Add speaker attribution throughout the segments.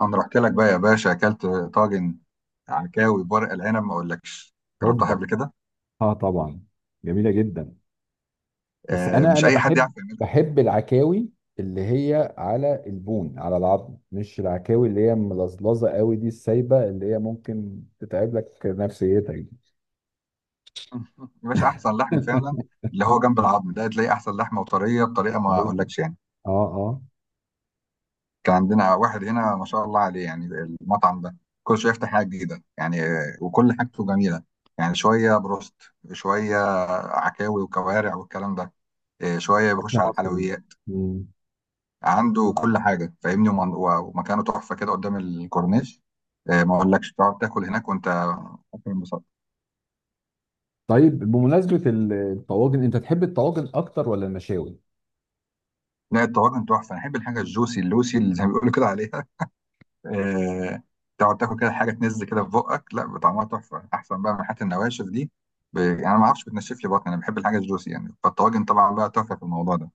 Speaker 1: انا رحت لك بقى يا باشا، اكلت طاجن عكاوي بورق العنب ما اقولكش. جربتها
Speaker 2: هوبا،
Speaker 1: قبل كده.
Speaker 2: اه طبعا، جميله جدا. بس
Speaker 1: آه،
Speaker 2: انا
Speaker 1: مش
Speaker 2: انا
Speaker 1: اي حد
Speaker 2: بحب،
Speaker 1: يعرف يعملها.
Speaker 2: بحب العكاوي اللي هي على البون، على العظم، مش العكاوي اللي هي ملظلظه قوي دي، السايبه اللي هي ممكن تتعب لك نفسيتك دي.
Speaker 1: يا باشا، احسن لحم فعلا. اللي هو جنب العظم ده تلاقي احسن لحمه وطريه بطريقه ما
Speaker 2: أيوة.
Speaker 1: اقولكش، يعني.
Speaker 2: اه اه،
Speaker 1: كان عندنا واحد هنا ما شاء الله عليه، يعني المطعم ده كل شويه يفتح حاجه جديده، يعني وكل حاجته جميله. يعني شويه بروست، شويه عكاوي وكوارع والكلام ده. شويه
Speaker 2: اكل
Speaker 1: بيخش على
Speaker 2: مصري.
Speaker 1: الحلويات.
Speaker 2: مم.
Speaker 1: عنده كل حاجه، فاهمني، ومكانه تحفه كده قدام الكورنيش. ما اقولكش، تقعد تاكل هناك وانت اكل انبساط.
Speaker 2: طيب، بمناسبه الطواجن، انت تحب الطواجن اكتر ولا المشاوي؟
Speaker 1: لا، الطواجن تحفه. انا احب الحاجه الجوسي اللوسي اللي زي ما بيقولوا كده عليها. آه، تقعد تاكل كده حاجه تنز كده في بقك، لا طعمها تحفه احسن بقى من حته النواشف دي. يعني انا ما اعرفش، بتنشف لي بطني، انا بحب الحاجه الجوسي، يعني فالطواجن طبعا بقى تحفه في الموضوع ده.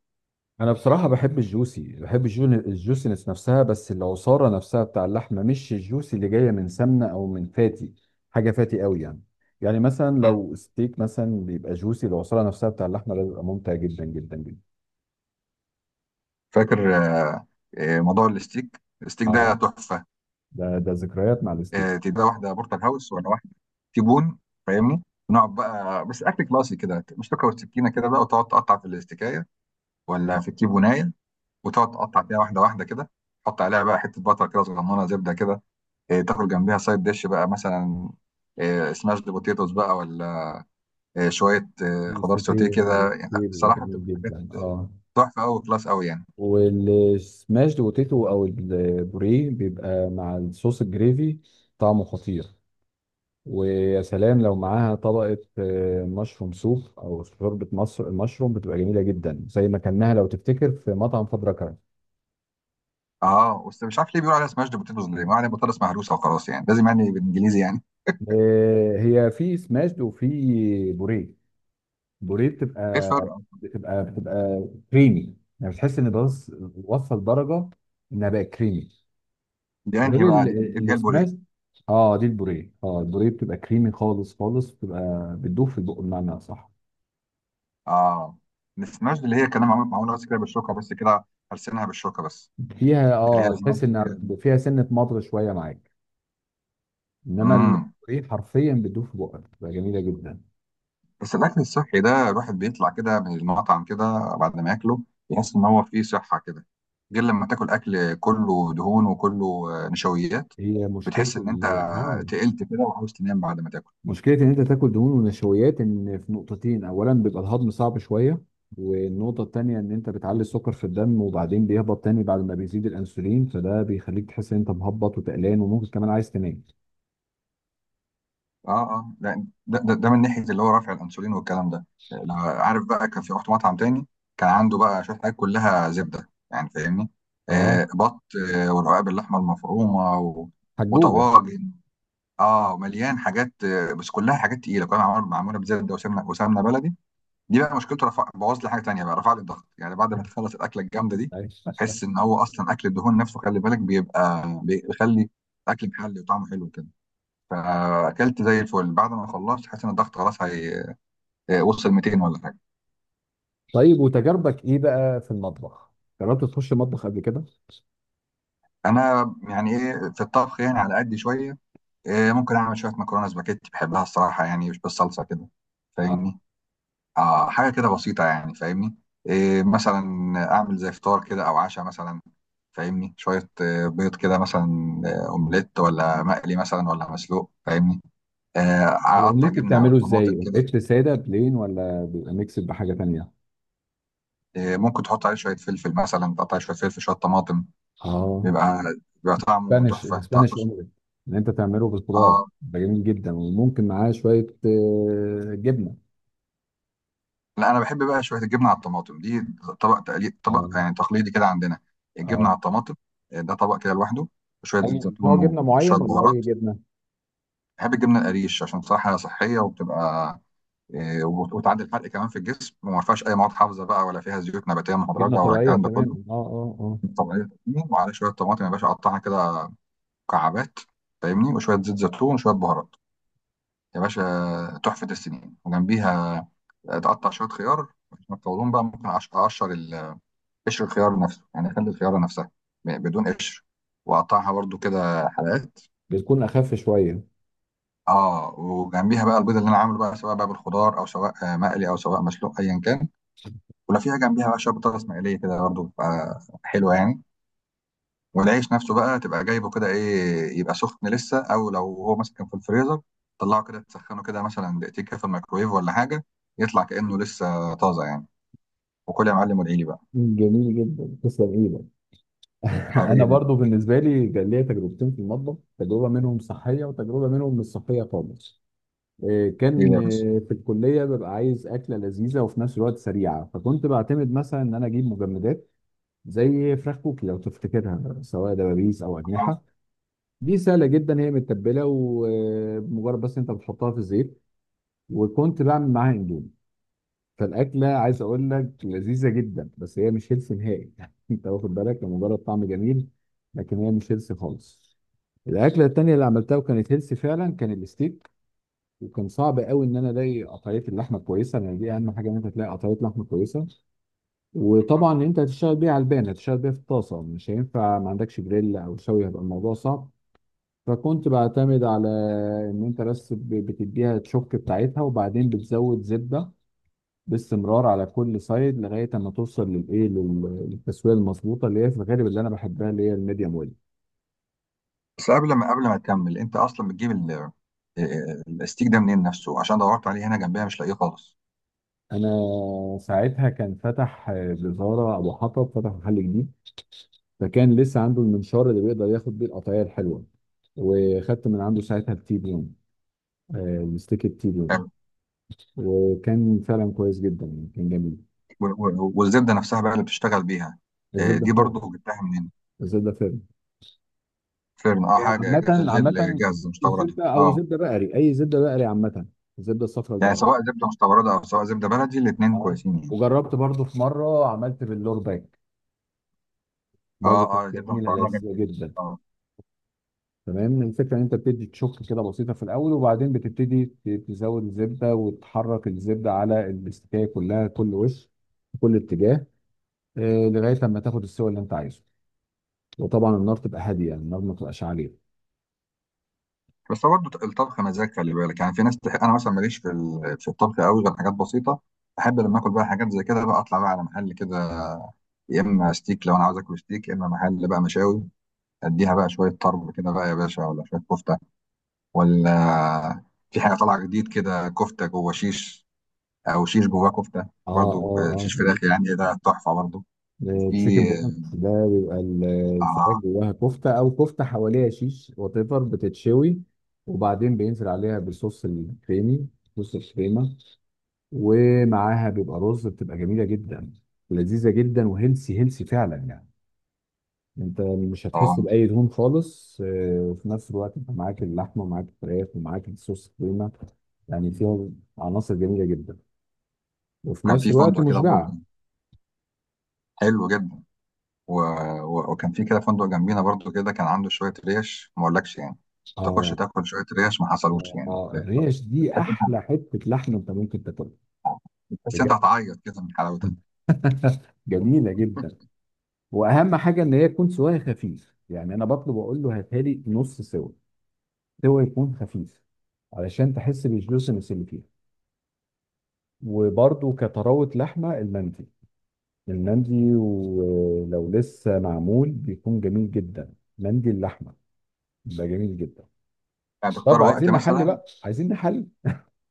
Speaker 2: انا بصراحه بحب الجوسي، بحب الجوسينس نفسها، بس العصاره نفسها بتاع اللحمه، مش الجوسي اللي جايه من سمنه او من فاتي، حاجه فاتي قوي يعني. يعني مثلا
Speaker 1: مم.
Speaker 2: لو ستيك مثلا بيبقى جوسي، العصاره نفسها بتاع اللحمه ده بيبقى ممتع جدا جدا جدا.
Speaker 1: فاكر. موضوع الستيك ده
Speaker 2: اه،
Speaker 1: تحفه.
Speaker 2: ده ذكريات مع الستيك.
Speaker 1: تبقى واحده بورتال هاوس ولا واحده تيبون، فاهمني. نقعد بقى بس اكل كلاسي كده، مش تاكل السكينه كده بقى، وتقعد تقطع في الاستكايه ولا في التيبونايه، وتقعد تقطع فيها واحده واحده كده. تحط عليها بقى حته بطر كده صغننه، زبده كده. تاكل جنبيها سايد ديش بقى، مثلا سماش دي بوتيتوس بقى، ولا شويه خضار
Speaker 2: الستيك
Speaker 1: سوتيه كده، يعني لا،
Speaker 2: بيبقى
Speaker 1: بصراحه
Speaker 2: جميل
Speaker 1: بتبقى حاجات
Speaker 2: جدا اه.
Speaker 1: تحفه قوي، كلاس قوي يعني.
Speaker 2: والسماش بوتيتو او البوريه بيبقى مع الصوص الجريفي، طعمه خطير. ويا سلام لو معاها طبقة مشروم سوب أو شوربة مصر المشروم، بتبقى جميلة جدا، زي ما كلناها لو تفتكر في مطعم فضرة كرم.
Speaker 1: اه، بس مش عارف ليه بيقولوا عليها سماش دي بوتيتوس؟ ليه ما عليها بطاطس مهروسه وخلاص؟ يعني لازم يعني بالانجليزي يعني.
Speaker 2: هي في سماشد وفي بوريه. بوريه
Speaker 1: ايه
Speaker 2: بتبقى
Speaker 1: الفرق؟
Speaker 2: بتبقى بتبقى كريمي يعني، بتحس إن، بس وصل درجة إنها بقت كريمي،
Speaker 1: دي انهي
Speaker 2: غير
Speaker 1: بقى؟ دي اللي هي البوريه؟
Speaker 2: السماشد. اه، دي البوريه، اه، البوريه بتبقى كريمي خالص خالص، بتبقى بتدوب في البق بمعنى صح.
Speaker 1: اه، السماش دي اللي هي كلام، معمول معمول بس كده بالشوكه بس كده. هرسنها بالشوكه بس،
Speaker 2: فيها
Speaker 1: دي اللي هي
Speaker 2: اه،
Speaker 1: لازم.
Speaker 2: تحس إنها فيها سنة مضغ شوية معاك، انما
Speaker 1: امم
Speaker 2: الايه حرفيا بتدوب في بقك، بتبقى جميله جدا.
Speaker 1: بس الاكل الصحي ده الواحد بيطلع كده من المطعم كده بعد ما ياكله، يحس ان هو فيه صحه كده، غير لما تاكل اكل كله دهون وكله نشويات.
Speaker 2: هي مشكله
Speaker 1: بتحس ان انت تقلت كده وعاوز تنام بعد ما تاكل.
Speaker 2: مشكله ان انت تاكل دهون ونشويات ان في نقطتين: اولا بيبقى الهضم صعب شويه، والنقطه التانيه ان انت بتعلي السكر في الدم وبعدين بيهبط تاني بعد ما بيزيد الانسولين، فده بيخليك تحس ان انت مهبط وتقلان وممكن كمان عايز تنام.
Speaker 1: اه، اه، لا، ده من ناحيه اللي هو رفع الانسولين والكلام ده. لو عارف بقى كان في، رحت مطعم تاني. كان عنده بقى شويه حاجات كلها زبده، يعني فاهمني.
Speaker 2: اه،
Speaker 1: بط، ورقاق باللحمه المفرومه
Speaker 2: حجوجه.
Speaker 1: وطواجن. اه، مليان حاجات. بس كلها حاجات تقيله، كلها معموله معموله بزبده وسمنه وسمنه بلدي. دي بقى مشكلته، رفع بوظ لي حاجه تانيه بقى، رفع لي الضغط يعني بعد ما تخلص الاكله الجامده دي.
Speaker 2: أيوة.
Speaker 1: تحس ان هو اصلا اكل الدهون نفسه، خلي بالك، بيبقى بيخلي الاكل محلي وطعمه حلو كده. فاكلت زي الفل. بعد ما خلصت حاسس ان الضغط خلاص هي وصل 200 ولا حاجه.
Speaker 2: طيب، وتجاربك ايه بقى في المطبخ؟ جربت تخش مطبخ قبل كده؟
Speaker 1: انا يعني ايه في الطبخ، يعني على قد شويه. إيه، ممكن اعمل شويه مكرونه سباكيتي، بحبها الصراحه يعني، مش بالصلصه كده،
Speaker 2: اه،
Speaker 1: فاهمني. اه، حاجه كده بسيطه يعني، فاهمني. إيه مثلا، اعمل زي فطار كده او عشاء مثلا. فاهمني، شويه بيض كده مثلا، اومليت ولا مقلي مثلا ولا مسلوق، فاهمني آه، اقطع
Speaker 2: الاومليت
Speaker 1: جبنه على
Speaker 2: بتعمله ازاي؟
Speaker 1: طماطم كده.
Speaker 2: اومليت ساده بلين ولا بيبقى ميكس بحاجه تانيه؟
Speaker 1: ممكن تحط عليه شويه فلفل مثلا، تقطع شويه فلفل شويه طماطم،
Speaker 2: اه،
Speaker 1: بيبقى بيبقى طعمه
Speaker 2: الاسبانيش،
Speaker 1: تحفه، تعرف.
Speaker 2: الاسبانيش اومليت، ان انت تعمله بالخضار
Speaker 1: اه،
Speaker 2: ده جميل جدا، وممكن معاه شويه جبنه.
Speaker 1: لا، انا بحب بقى شويه الجبنه على الطماطم دي. طبق،
Speaker 2: اه
Speaker 1: يعني تقليدي كده عندنا، الجبنه
Speaker 2: اه،
Speaker 1: على الطماطم. ده طبق كده لوحده، وشويه زيت
Speaker 2: اي نوع
Speaker 1: زيتون
Speaker 2: جبنه
Speaker 1: وشويه
Speaker 2: معين ولا اي
Speaker 1: بهارات.
Speaker 2: جبنه؟
Speaker 1: بحب الجبنه القريش عشان صراحه صحيه، وبتبقى وتعدي الحرق كمان في الجسم، وما فيهاش اي مواد حافظه بقى ولا فيها زيوت نباتيه
Speaker 2: جبنه
Speaker 1: مهدرجه ولا
Speaker 2: طبيعيه
Speaker 1: الكلام ده كله.
Speaker 2: تماما، اه اه اه.
Speaker 1: طبيعيه. وعلى شويه طماطم يا باشا، اقطعها كده مكعبات، فاهمني، وشويه زيت زيتون وشويه بهارات، يا باشا تحفه السنين. وجنبيها تقطع شويه خيار عشان تطولهم بقى، ممكن قشر الخيار نفسه، يعني اخلي الخياره نفسها بدون قشر، واقطعها برضو كده حلقات.
Speaker 2: بتكون اخف شويه.
Speaker 1: اه، وجنبيها بقى البيض اللي انا عامله بقى، سواء بقى بالخضار او سواء مقلي او سواء مسلوق، ايا كان. ولو فيها جنبيها بقى شويه بطاطس مقليه كده، برضو بتبقى حلوه يعني. والعيش نفسه بقى تبقى جايبه كده ايه، يبقى سخن لسه، او لو هو مثلا كان في الفريزر، طلعه كده تسخنه كده مثلا دقيقتين كده في الميكرويف ولا حاجه، يطلع كانه لسه طازه يعني. وكل يا معلم، وادعي لي بقى.
Speaker 2: جميل جدا، تسلم ايدك. انا
Speaker 1: حبيبي.
Speaker 2: برضو بالنسبه لي كان ليا تجربتين في المطبخ، تجربه منهم صحيه وتجربه منهم مش صحيه خالص.
Speaker 1: ليه
Speaker 2: كان
Speaker 1: يا باشا؟
Speaker 2: في الكليه ببقى عايز اكله لذيذه وفي نفس الوقت سريعه، فكنت بعتمد مثلا ان انا اجيب مجمدات زي فراخ كوكي لو تفتكرها، سواء دبابيس او
Speaker 1: آه.
Speaker 2: اجنحه. دي سهله جدا، هي متبله ومجرد بس انت بتحطها في الزيت، وكنت بعمل معاها اندومي. فالاكله عايز اقول لك لذيذه جدا، بس هي مش هيلثي نهائي يعني، انت واخد بالك، لمجرد طعم جميل، لكن هي مش هيلثي خالص. الاكله التانيه اللي عملتها وكانت هيلثي فعلا كان الستيك. وكان صعب قوي ان انا الاقي قطعيه اللحمه كويسه، لان دي اهم حاجه ان انت تلاقي قطعيه لحمه كويسه. وطبعا انت هتشتغل بيه على البان، هتشتغل بيه في الطاسه، مش هينفع ما عندكش جريل او شوي، هيبقى الموضوع صعب. فكنت بعتمد على ان انت بس بتديها الشوك بتاعتها وبعدين بتزود زبده باستمرار على كل سايد لغايه اما توصل للايه للتسويه المظبوطه اللي هي في الغالب اللي انا بحبها، اللي هي الميديوم ويل.
Speaker 1: بس قبل ما تكمل، انت اصلا بتجيب الاستيك ده منين نفسه؟ عشان دورت عليه هنا جنبيها مش لاقيه خالص.
Speaker 2: انا ساعتها كان فتح جزاره ابو حطب، فتح محل جديد، فكان لسه عنده المنشار اللي بيقدر ياخد بيه القطعيه الحلوه. وخدت من عنده ساعتها التي بيون، الستيك التيبيون.
Speaker 1: حلو.
Speaker 2: وكان فعلا كويس جدا يعني، كان جميل.
Speaker 1: والزبده نفسها بقى اللي بتشتغل بيها،
Speaker 2: الزبده
Speaker 1: دي
Speaker 2: فارغ.
Speaker 1: برضو جبتها منين؟
Speaker 2: الزبده فارغ.
Speaker 1: فيرن، اه، حاجه
Speaker 2: عامه،
Speaker 1: اللي هي
Speaker 2: عامه.
Speaker 1: الجاهزه، مستورده،
Speaker 2: الزبده او
Speaker 1: اه.
Speaker 2: زبده بقري، اي زبده بقري عامه، الزبده الصفراء
Speaker 1: يعني
Speaker 2: البقري.
Speaker 1: سواء زبده مستورده او سواء زبده بلدي، الاثنين
Speaker 2: اه.
Speaker 1: كويسين يعني.
Speaker 2: وجربت برضو في مره عملت باللور باك،
Speaker 1: اه،
Speaker 2: برضو كانت
Speaker 1: اه، زبده
Speaker 2: جميله
Speaker 1: مستورده،
Speaker 2: لذيذه
Speaker 1: جدا جدا،
Speaker 2: جدا.
Speaker 1: اه.
Speaker 2: تمام، الفكره ان انت بتدي تشك كده بسيطه في الاول، وبعدين بتبتدي تزود الزبده وتحرك الزبده على الاستكايه كلها، كل وش في كل اتجاه، لغايه لما تاخد السوى اللي انت عايزه. وطبعا النار تبقى هاديه يعني، النار ما تبقاش عاليه.
Speaker 1: بس هو برضه الطبخ مزاج، خلي بالك، يعني في ناس انا مثلا ماليش في في الطبخ قوي غير حاجات بسيطه. احب لما اكل بقى حاجات زي كده، بقى اطلع بقى على محل كده، يا اما ستيك لو انا عاوز اكل ستيك، يا اما محل بقى مشاوي، اديها بقى شويه طرب كده بقى يا باشا، ولا شويه كفته، ولا في حاجه طالعه جديد كده، كفته جوه شيش، او شيش جواه كفته،
Speaker 2: اه
Speaker 1: برضو
Speaker 2: اه
Speaker 1: شيش فراخ يعني، ده تحفه برضو. وفي
Speaker 2: اه، تشيكن بوكس ده بيبقى الفراخ
Speaker 1: اه
Speaker 2: جواها كفته، او كفته حواليها شيش، وات ايفر بتتشوي، وبعدين بينزل عليها بالصوص الكريمي، صوص الكريمه، ومعاها بيبقى رز، بتبقى جميله جدا ولذيذه جدا، وهيلسي هيلسي فعلا يعني. انت مش هتحس
Speaker 1: آه،
Speaker 2: باي دهون خالص، وفي نفس الوقت انت معاك اللحمه ومعاك الفراخ ومعاك الصوص الكريمه، يعني فيها عناصر جميله جدا، وفي
Speaker 1: كان
Speaker 2: نفس
Speaker 1: في
Speaker 2: الوقت
Speaker 1: فندق كده برضو،
Speaker 2: مشبعه.
Speaker 1: حلو جدا. و... وكان في كده فندق جنبينا برضو كده، كان عنده شويه ريش ما اقولكش يعني، تخش
Speaker 2: اه
Speaker 1: تاكل شويه ريش ما حصلوش، يعني
Speaker 2: اه، الريش دي
Speaker 1: بتحس انت
Speaker 2: احلى حته لحم انت ممكن تاكلها
Speaker 1: بتحس انت
Speaker 2: بجد.
Speaker 1: هتعيط كده من حلاوتها.
Speaker 2: جميله جدا. واهم حاجه ان هي تكون سواها خفيف يعني، انا بطلب اقول له هاتها لي نص سوا، سوا يكون خفيف، علشان تحس بالجوسنس اللي فيها. وبرده كطراوه لحمه المندي، المندي ولو لسه معمول بيكون جميل جدا، مندي اللحمه ده جميل جدا.
Speaker 1: يعني تختار
Speaker 2: طب
Speaker 1: وقت
Speaker 2: عايزين نحل
Speaker 1: مثلا.
Speaker 2: بقى، عايزين نحل.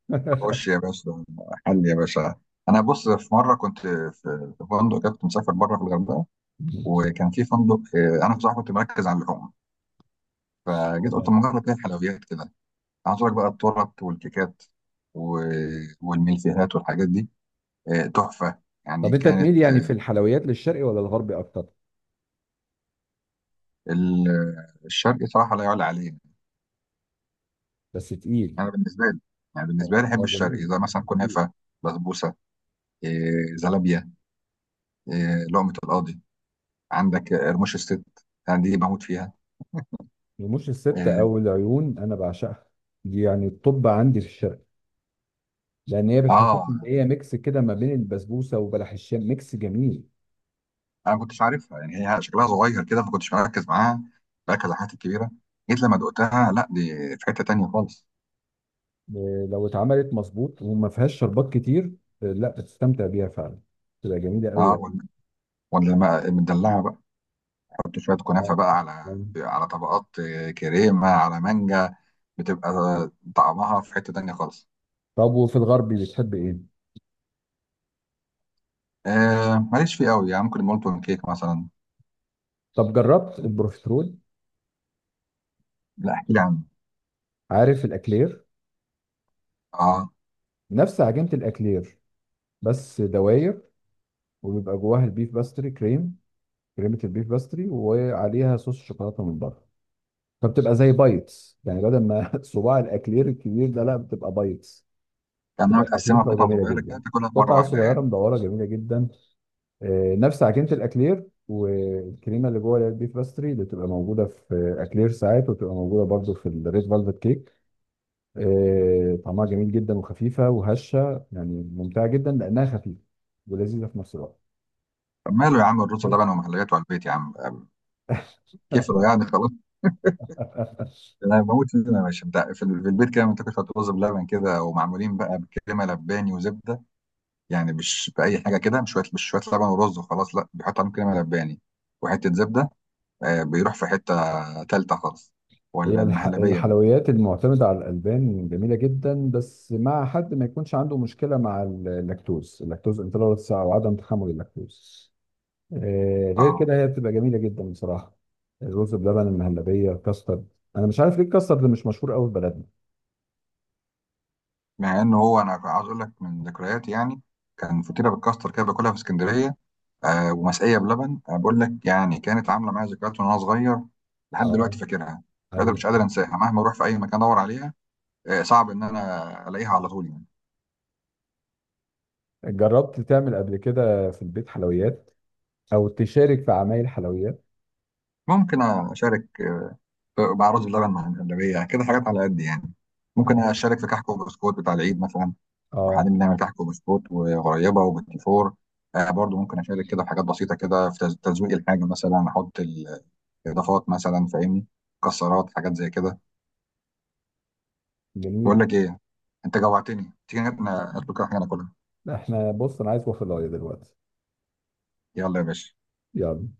Speaker 1: خش يا باشا، حل يا باشا. انا بص، في مره كنت في في فندق كده، كنت مسافر بره في الغردقه. وكان في فندق انا بصراحه كنت مركز على اللحوم، فجيت قلت
Speaker 2: تمام.
Speaker 1: ما اجرب كده الحلويات كده. عايز أقول لك بقى، التورت والكيكات والملفيهات والحاجات دي، تحفه
Speaker 2: طب
Speaker 1: يعني.
Speaker 2: انت تميل
Speaker 1: كانت
Speaker 2: يعني
Speaker 1: آه،
Speaker 2: في الحلويات للشرقي ولا الغربي اكتر؟
Speaker 1: ال- الشرقي صراحه لا يعلى عليه.
Speaker 2: بس تقيل.
Speaker 1: انا بالنسبه لي، يعني بالنسبه
Speaker 2: هو
Speaker 1: لي احب
Speaker 2: هو
Speaker 1: الشرقي
Speaker 2: جميل
Speaker 1: زي
Speaker 2: بس
Speaker 1: مثلا
Speaker 2: تقيل.
Speaker 1: كنافه، بسبوسه، زلابيه، لقمه القاضي، عندك قرموش الست، انا دي بموت فيها
Speaker 2: رموش الستة
Speaker 1: آه،
Speaker 2: أو العيون أنا بعشقها، دي يعني الطب عندي في الشرق، لأن هي بتحسسني
Speaker 1: اه،
Speaker 2: إن هي ميكس كده ما بين البسبوسة وبلح الشام، ميكس جميل.
Speaker 1: انا ما كنتش عارفها، يعني هي شكلها صغير كده ما كنتش مركز معاها، مركز على الحاجات الكبيره، جيت لما دقتها لا، دي في حته تانية خالص.
Speaker 2: لو اتعملت مظبوط وما فيهاش شربات كتير، لا بتستمتع بيها فعلا، تبقى جميلة أوي.
Speaker 1: اه، ولا لما مدلعه بقى، حط شويه كنافه
Speaker 2: آه،
Speaker 1: بقى
Speaker 2: آه.
Speaker 1: على طبقات كريمه على مانجا، بتبقى طعمها في حته تانية خالص.
Speaker 2: طب وفي الغربي بتحب إيه؟
Speaker 1: ماليش فيه قوي يعني، ممكن المولتون كيك مثلا.
Speaker 2: طب جربت البروفيترول؟
Speaker 1: لا، احكي لي عنه.
Speaker 2: عارف الأكلير؟
Speaker 1: اه،
Speaker 2: نفس عجينة الأكلير، بس دواير، وبيبقى جواها البيف باستري كريم، كريمه البيف باستري، وعليها صوص شوكولاته من بره. فبتبقى زي بايتس يعني، بدل ما صباع الاكلير الكبير ده، لا بتبقى بايتس.
Speaker 1: كانها
Speaker 2: بتبقى
Speaker 1: متقسمه
Speaker 2: خفيفه
Speaker 1: قطع
Speaker 2: وجميله
Speaker 1: صغيره كده
Speaker 2: جدا،
Speaker 1: تاكلها في مره
Speaker 2: قطعه
Speaker 1: واحده
Speaker 2: صغيره
Speaker 1: يعني.
Speaker 2: مدوره جميله جدا. نفس عجينه الاكلير، والكريمه اللي جوه البيف باستري اللي بتبقى موجوده في اكلير ساعات، وبتبقى موجوده برضو في الريد فالفت كيك. طعمها جميل جدا، وخفيفه وهشه يعني، ممتعه جدا لانها خفيفه ولذيذه في نفس الوقت.
Speaker 1: طب، ماله يا عم الرز بلبن
Speaker 2: بس.
Speaker 1: ومحليات، وعلى البيت يا عم. كيف يعني؟ خلاص. انا بموت فيهم يا باشا، بتاع في البيت كده منتجة رز بلبن كده ومعمولين بقى بكريمه لباني وزبده. يعني مش باي حاجه كده، مش شويه لبن ورز وخلاص، لا بيحط عليهم كريمه لباني وحته زبده. بيروح في حته تالته خالص، ولا
Speaker 2: هي
Speaker 1: المهلبيه.
Speaker 2: الحلويات المعتمدة على الألبان جميلة جدا، بس مع حد ما يكونش عنده مشكلة مع اللاكتوز، اللاكتوز انتولرانس أو عدم تحمل اللاكتوز. آه، غير
Speaker 1: اه،
Speaker 2: كده هي بتبقى جميلة جدا بصراحة. الرز بلبن، المهلبية، الكاسترد، أنا مش عارف ليه الكاسترد مش مشهور قوي في بلدنا.
Speaker 1: مع ان هو انا عاوز اقول لك من ذكرياتي يعني، كان فطيره بالكاستر كده باكلها في اسكندريه، ومسقيه بلبن، بقول لك يعني كانت عامله معايا ذكريات وانا صغير، لحد
Speaker 2: اه،
Speaker 1: دلوقتي فاكرها. مش قادر، مش
Speaker 2: ايوه.
Speaker 1: قادر انساها، مهما اروح في اي مكان ادور عليها، صعب ان انا الاقيها على طول يعني.
Speaker 2: جربت تعمل قبل كده في البيت حلويات؟ أو تشارك في عمايل حلويات؟
Speaker 1: ممكن اشارك. مع رز بلبن، مع المهلبيه، كده حاجات على قد يعني. ممكن اشارك في كحك وبسكوت بتاع العيد مثلا. وحاليا
Speaker 2: اه،
Speaker 1: بنعمل كحك وبسكوت وغريبه وبتيفور. برضو ممكن اشارك كده في حاجات بسيطه كده، في تزويق الحاجه مثلا، احط الاضافات مثلا، فاهمني، مكسرات، حاجات زي كده. بقول
Speaker 2: جميل.
Speaker 1: لك ايه، انت جوعتني، تيجي نطلب كده حاجه ناكلها؟
Speaker 2: احنا بص، أنا عايز وافل دلوقتي.
Speaker 1: يلا يا باشا.
Speaker 2: يلا.